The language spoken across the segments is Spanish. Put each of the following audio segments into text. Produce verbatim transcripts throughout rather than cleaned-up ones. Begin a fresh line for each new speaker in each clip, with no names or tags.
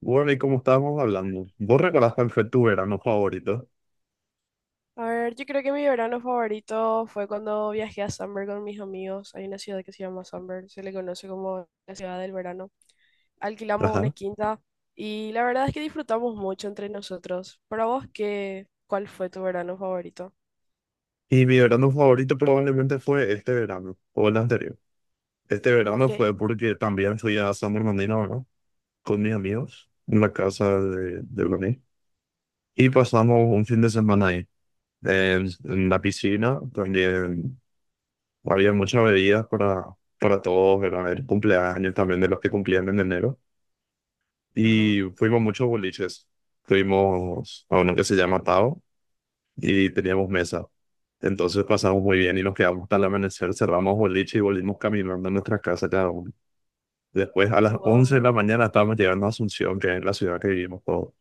Bueno, y como estábamos hablando, vos recordás cuál fue tu verano favorito.
A ver, yo creo que mi verano favorito fue cuando viajé a Summer con mis amigos. Hay una ciudad que se llama Summer, se le conoce como la ciudad del verano. Alquilamos una
Ajá.
quinta y la verdad es que disfrutamos mucho entre nosotros. Para vos, qué, ¿cuál fue tu verano favorito?
Y mi verano favorito probablemente fue este verano, o el anterior. Este
Mm,
verano
¿qué?
fue porque también fui a San Bernardino, ¿no? Con mis amigos, en la casa de, de Brunei. Y pasamos un fin de semana ahí, en, en la piscina, donde había muchas bebidas para, para todos, era el cumpleaños también de los que cumplían en enero.
Ajá.
Y fuimos muchos boliches. Fuimos a uno que se llama Tao y teníamos mesa. Entonces pasamos muy bien y nos quedamos hasta el amanecer, cerramos boliche y volvimos caminando a nuestra casa cada uno. Después a las once de
Wow.
la mañana estábamos llegando a Asunción, que es la ciudad que vivimos todos.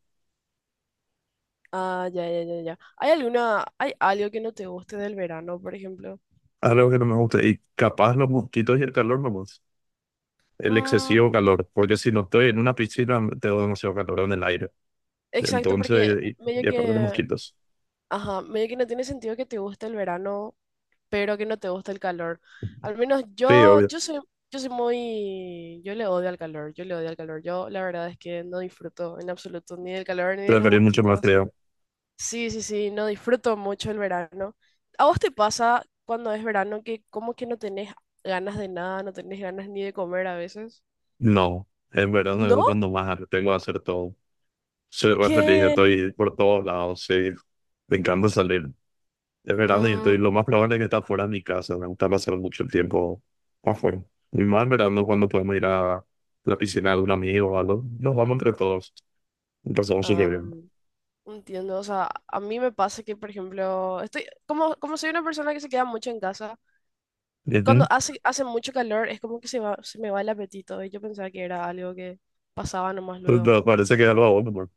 Ah, ya, ya, ya, ya. ¿Hay alguna, hay algo que no te guste del verano, por ejemplo?
Algo que no me gusta, y capaz los mosquitos y el calor, nomás, el
Mm,
excesivo calor, porque si no estoy en una piscina, tengo demasiado calor en el aire.
exacto, porque
Entonces, y,
medio
y aparte los
que,
mosquitos.
ajá, medio que no tiene sentido que te guste el verano pero que no te gusta el calor. Al menos
Sí,
yo,
obvio,
yo soy, yo soy muy, yo le odio al calor, yo le odio al calor. Yo la verdad es que no disfruto en absoluto ni del calor ni de los
preferir mucho más
mosquitos.
frío.
Sí, sí, sí, no disfruto mucho el verano. ¿A vos te pasa cuando es verano que como que no tenés ganas de nada, no tenés ganas ni de comer a veces?
No, en verano
¿No?
es cuando más tengo que hacer todo. Soy re feliz,
Que...
estoy por todos lados, sí. Me encanta salir. Es verano y
Mm,
estoy lo más probable es que está fuera de mi casa. Me gusta pasar mucho el tiempo afuera. Y más en verano cuando podemos ir a la piscina de un amigo o algo. Nos vamos entre todos. Y pasamos súper
ah,
bien.
entiendo, o sea, a mí me pasa que, por ejemplo, estoy, como, como soy una persona que se queda mucho en casa, cuando
¿Y
hace, hace mucho calor es como que se va- se me va el apetito y yo pensaba que era algo que pasaba nomás
Pues,
luego.
no, parece que es algo bueno, amor.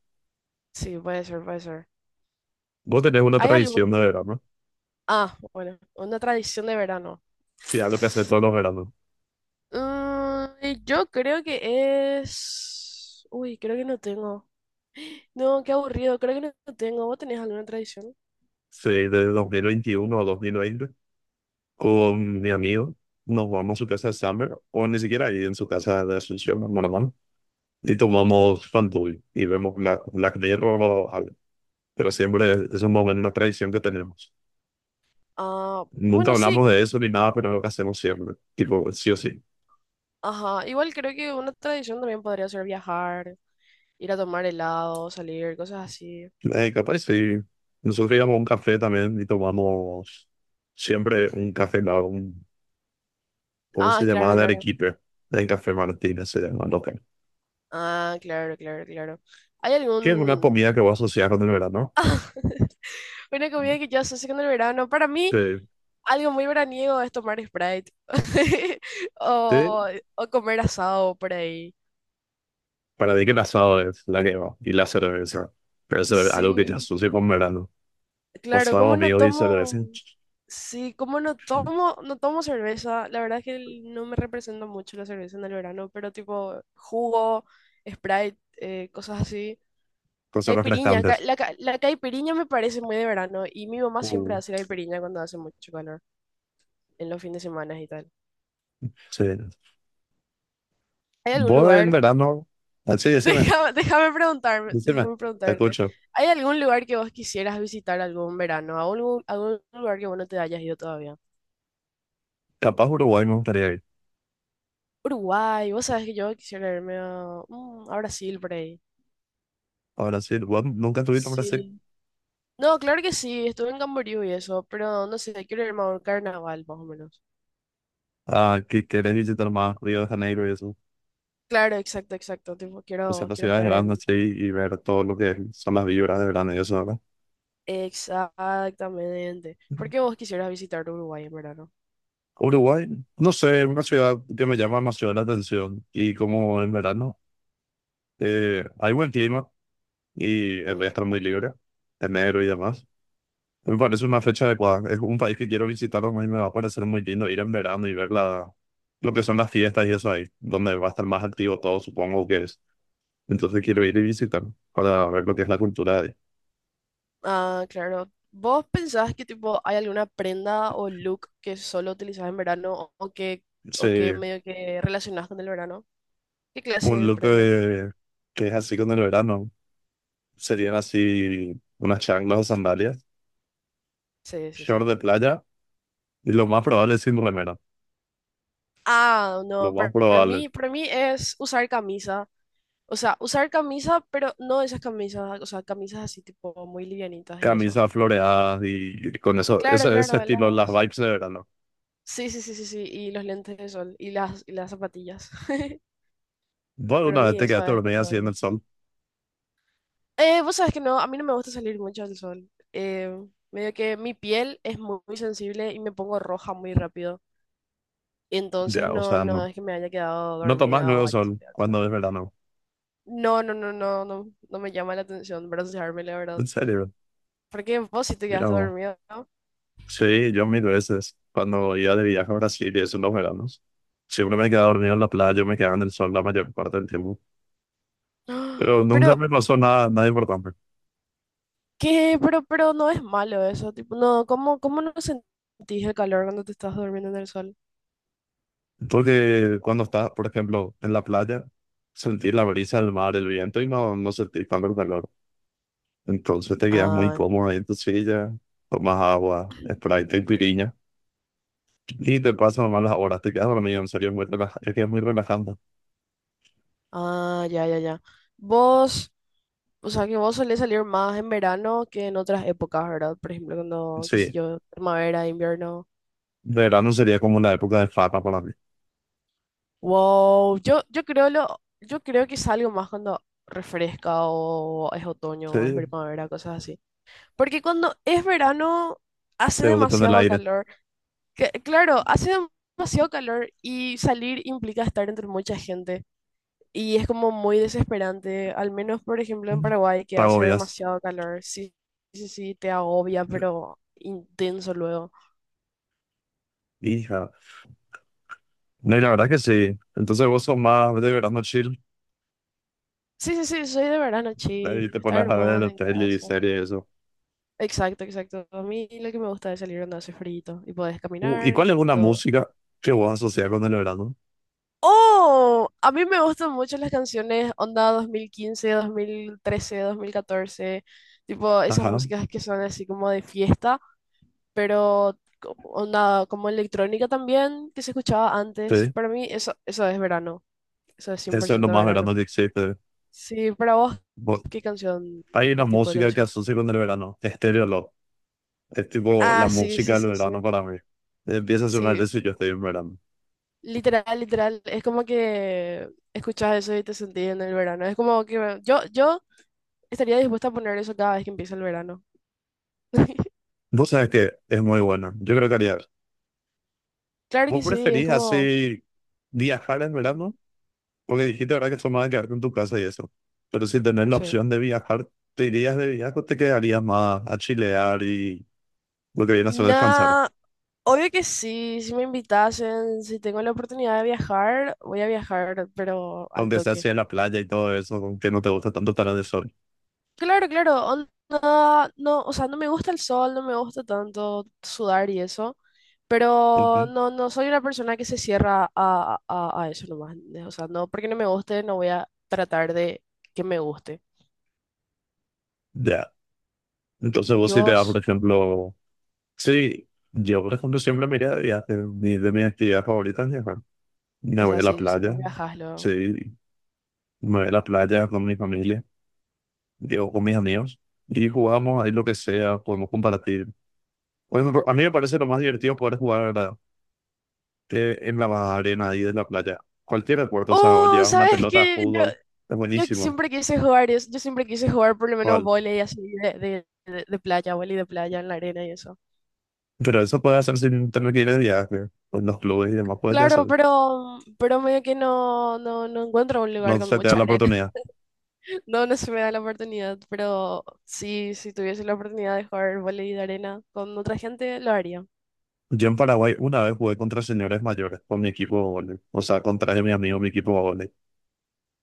Sí, puede ser, puede ser.
Vos tenés una
¿Hay
tradición de
algún...
verano.
Ah, bueno, una tradición de verano.
Sí, algo que hace todos los veranos.
Mm, y yo creo que es... Uy, creo que no tengo. No, qué aburrido, creo que no no tengo. ¿Vos tenés alguna tradición?
Sí, de dos mil veintiuno a dos mil veinte. Con mi amigo. Nos vamos a su casa de Summer. O ni siquiera ahí, en su casa de Asunción, normal. Y tomamos Fanduel y vemos Black, Black Mirror, al- pero siempre es un momento, una tradición que tenemos.
Ah,
Nunca
bueno, sí.
hablamos de eso ni nada, pero es lo que hacemos siempre, tipo, sí o sí.
Ajá, igual creo que una tradición también podría ser viajar, ir a tomar helado, salir, cosas así.
Eh, capaz, sí. Nosotros íbamos a un café también y tomamos siempre un café, la- un, ¿cómo se
Ah,
llamaba?
claro,
De
claro.
Arequipe, el Café Martínez se llama, local.
Ah, claro, claro, claro. ¿Hay
Que es una
algún...
comida que voy a asociar con el verano.
Una comida que yo asocio con el verano. Para mí,
Sí,
algo muy veraniego es tomar Sprite
sí.
o, o comer asado por ahí.
Para mí que el asado es la que va y la cerveza, pero eso es algo que te
Sí,
asocio con verano. Pues
claro, ¿cómo
algo
no
mío y cerveza.
tomo? Sí, ¿cómo no tomo? No tomo cerveza. La verdad es que el- no me representa mucho la cerveza en el verano, pero tipo jugo, Sprite, eh, cosas así.
Cosas
Caipiriña,
refrescantes.
ca- la, ca- la caipiriña me parece muy de verano y mi mamá siempre
Uh,
hace caipiriña cuando hace mucho calor, en los fines de semana y tal.
sí.
¿Hay algún
Vos en
lugar?
verano. Ah, sí, decime,
Déjame, déjame preguntarme,
decime.
déjame
Te
preguntarte.
escucho.
¿Hay algún lugar que vos quisieras visitar algún verano? ¿Algún, algún lugar que vos no te hayas ido todavía?
Capaz Uruguay me gustaría ir.
Uruguay, vos sabés que yo quisiera irme a, mm, a Brasil por ahí.
Ahora sí, vos nunca estuviste en Brasil.
Sí. No, claro que sí, estuve en Camboriú y eso, pero no sé, quiero irme a un carnaval más o menos.
Ah, que querés visitar más Río de Janeiro y eso.
Claro, exacto, exacto. Tipo,
O sea,
quiero,
las
quiero
ciudades
estar en,
grandes, sí, y ver todo lo que son las vibras de verano y eso, ¿verdad?
exactamente. ¿Por qué vos quisieras visitar Uruguay en verano?
Uruguay, no sé, es una ciudad que me llama demasiado la atención. Y como en verano, eh, hay buen clima y el
Mm,
día está muy libre, enero y demás. Me parece una fecha adecuada. Es un país que quiero visitar, a mí me va a parecer muy lindo ir en verano y ver la, lo que son las fiestas y eso ahí, donde va a estar más activo todo, supongo que es. Entonces quiero ir y visitar para ver lo que es la cultura de ahí.
ah, claro. ¿Vos pensás que tipo hay alguna prenda o look que solo utilizás en verano o o que,
Sí,
o que medio que relacionás con el verano? ¿Qué clase
un
de
look
prenda?
de- que es así con el verano. Serían así unas chanclas o sandalias,
Sí, sí, sí.
short de playa y lo más probable es sin remera.
Ah,
Lo
no,
más
para, para
probable,
mí, para mí es usar camisa. O sea, usar camisa, pero no esas camisas, o sea, camisas así tipo muy livianitas y eso.
camisas floreadas y con eso,
Claro,
ese, ese
claro,
estilo, las
las...
vibes de verano.
Sí, sí, sí, sí, sí, y los lentes de sol y las, y las zapatillas.
Bueno,
Para
una vez
mí
te
eso
quedaste
es
dormida así en el
categórico.
sol.
Eh, vos sabés que no, a mí no me gusta salir mucho al sol. Eh, medio que mi piel es muy, muy sensible y me pongo roja muy rápido. Entonces
Ya, o
no,
sea, no,
no es que me haya quedado
no tomas
dormida o
luego
haya
sol
salido al sol.
cuando es verano.
No, no, no, no, no, no me llama la atención broncearme, la verdad.
En serio,
Porque vos sí te
mira
quedaste
vos.
dormido, ¿no?
Sí, yo mil veces, cuando iba de viaje a Brasil y eso en los veranos, siempre me quedaba dormido en la playa, me quedaba en el sol la mayor parte del tiempo. Pero nunca
Pero,
me pasó nada, nada importante.
¿qué? Pero, pero no es malo eso. Tipo, no, ¿cómo, cómo no sentís el calor cuando te estás durmiendo en el sol?
Porque cuando estás, por ejemplo, en la playa, sentir la brisa del mar, el viento y no, no sentir tanto el calor. Entonces te quedas muy
Ah,
cómodo ahí en tu silla, tomas agua, Sprite y piriña. Y te pasan malas horas, te quedas dormido, en serio, es muy relaja- es que es muy relajante.
ah, ya, ya, ya. Vos. O sea, que vos solés salir más en verano que en otras épocas, ¿verdad? Por ejemplo, cuando, qué sé
Sí,
yo, primavera, invierno.
de verano sería como la época de fama para mí.
Wow, yo, yo creo lo, yo creo que salgo más cuando refresca o es otoño, o es
Sí,
primavera, cosas así. Porque cuando es verano hace
te gusta tener el
demasiado
aire.
calor. Que- claro, hace demasiado calor y salir implica estar entre mucha gente. Y es como muy desesperante, al menos por ejemplo en Paraguay que
Te
hace
agobias.
demasiado calor. Sí, sí, sí, te agobia, pero intenso luego.
Hija. No, y la verdad que sí. Entonces vos sos más de verano chill.
Sí, sí, sí, soy de verano
Ahí
chill,
te pones
estar
a ver
más
la
en
tele y
casa.
series y eso.
Exacto, exacto. A mí lo que me gusta es salir donde hace frío y podés
Uh, ¿y
caminar y
cuál es una
todo.
música que vos asociás con el verano?
¡Oh! A mí me gustan mucho las canciones onda dos mil quince, dos mil trece, dos mil catorce, tipo esas
Ajá,
músicas que son así como de fiesta pero como, onda, como electrónica también, que se escuchaba antes.
sí.
Para mí eso, eso es verano, eso es cien por
Eso es lo
ciento
más
verano.
verano que existe.
Sí, para vos,
Vos-
¿qué canción?
hay
¿Qué
una
tipo de
música que
canción?
asocio con el verano. Estéreo Love. Es tipo
Ah,
la
sí,
música
sí,
del
sí, sí.
verano para mí. Empieza a sonar
Sí,
eso y yo estoy en verano.
literal, literal. Es como que escuchas eso y te sentís en el verano. Es como que yo, yo estaría dispuesta a poner eso cada vez que empieza el verano.
Vos sabés que es muy bueno. Yo creo que haría.
Claro
¿Vos
que sí, es
preferís
como...
así viajar en
Ujú,
verano? Porque dijiste ahora que son más de quedarte en tu casa y eso. Pero si tenés la
sí.
opción de viajar, ¿te irías de viaje o te quedarías más a chilear y lo que viene a ser descansar?
No, obvio que sí, si me invitasen, si tengo la oportunidad de viajar, voy a viajar, pero al
Aunque sea
toque.
así en la playa y todo eso, aunque no te gusta tanto estar en el sol.
Claro, claro, onda, no, o sea, no me gusta el sol, no me gusta tanto sudar y eso, pero
Ujú.
no, no soy una persona que se cierra a, a, a eso nomás. ¿Entendés? O sea, no, porque no me guste, no voy a tratar de que me guste.
Ya. Entonces
Y
vos si te vas, por
vos,
ejemplo... Sí, yo por ejemplo siempre me iría de viaje. Mi- de mis actividades favoritas es viajar. Me
o
voy
sea,
a la
si, si no
playa.
viajas luego.
Sí, me voy a la playa con mi familia. Digo, con mis amigos. Y jugamos ahí lo que sea, podemos compartir. Bueno, a mí me parece lo más divertido poder jugar, ¿verdad? Eh, en la arena ahí de la playa. Cualquier deporte, o sea,
Oh,
llevas una
¿sabes
pelota de
qué? Yo,
fútbol, es
Yo
buenísimo.
siempre quise jugar eso, yo siempre quise jugar por lo menos
¿Cuál?
vóley así de, de, de, de playa, vóley de playa en la arena y eso.
Pero eso puedes hacer sin tener que ir de viaje. En los clubes y demás puedes
Claro,
hacer.
pero, pero medio que no, no, no encuentro un lugar
No
con
se te da
mucha
la
arena.
oportunidad.
No, no se me da la oportunidad, pero sí, si tuviese la oportunidad de jugar vóley de arena con otra gente, lo haría.
Yo en Paraguay una vez jugué contra señores mayores con mi equipo de vóley. O sea, contra mi amigo, mi equipo de vóley.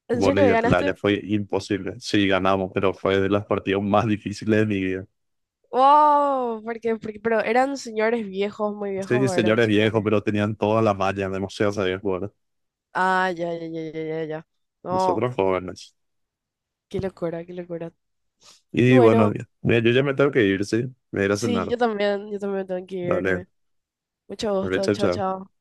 ¿En
Vóley
serio
de
ganaste?
playa. Fue imposible. Sí, ganamos, pero fue de las partidas más difíciles de mi vida.
¡Wow! Porque, porque, pero eran señores viejos, muy viejos,
Sí,
o eran
señores viejos,
señores.
pero tenían toda la malla, demasiado sabían jugar.
Ah, ya, ya, ya, ya, ya, ya. No,
Nosotros jóvenes.
qué locura, qué locura. Y
Y bueno,
bueno.
mira, yo ya me tengo que ir, sí. Me iré a ir a
Sí,
cenar.
yo también, yo también tengo que
Dale,
irme. Mucho gusto,
chao,
chao,
chao.
chao.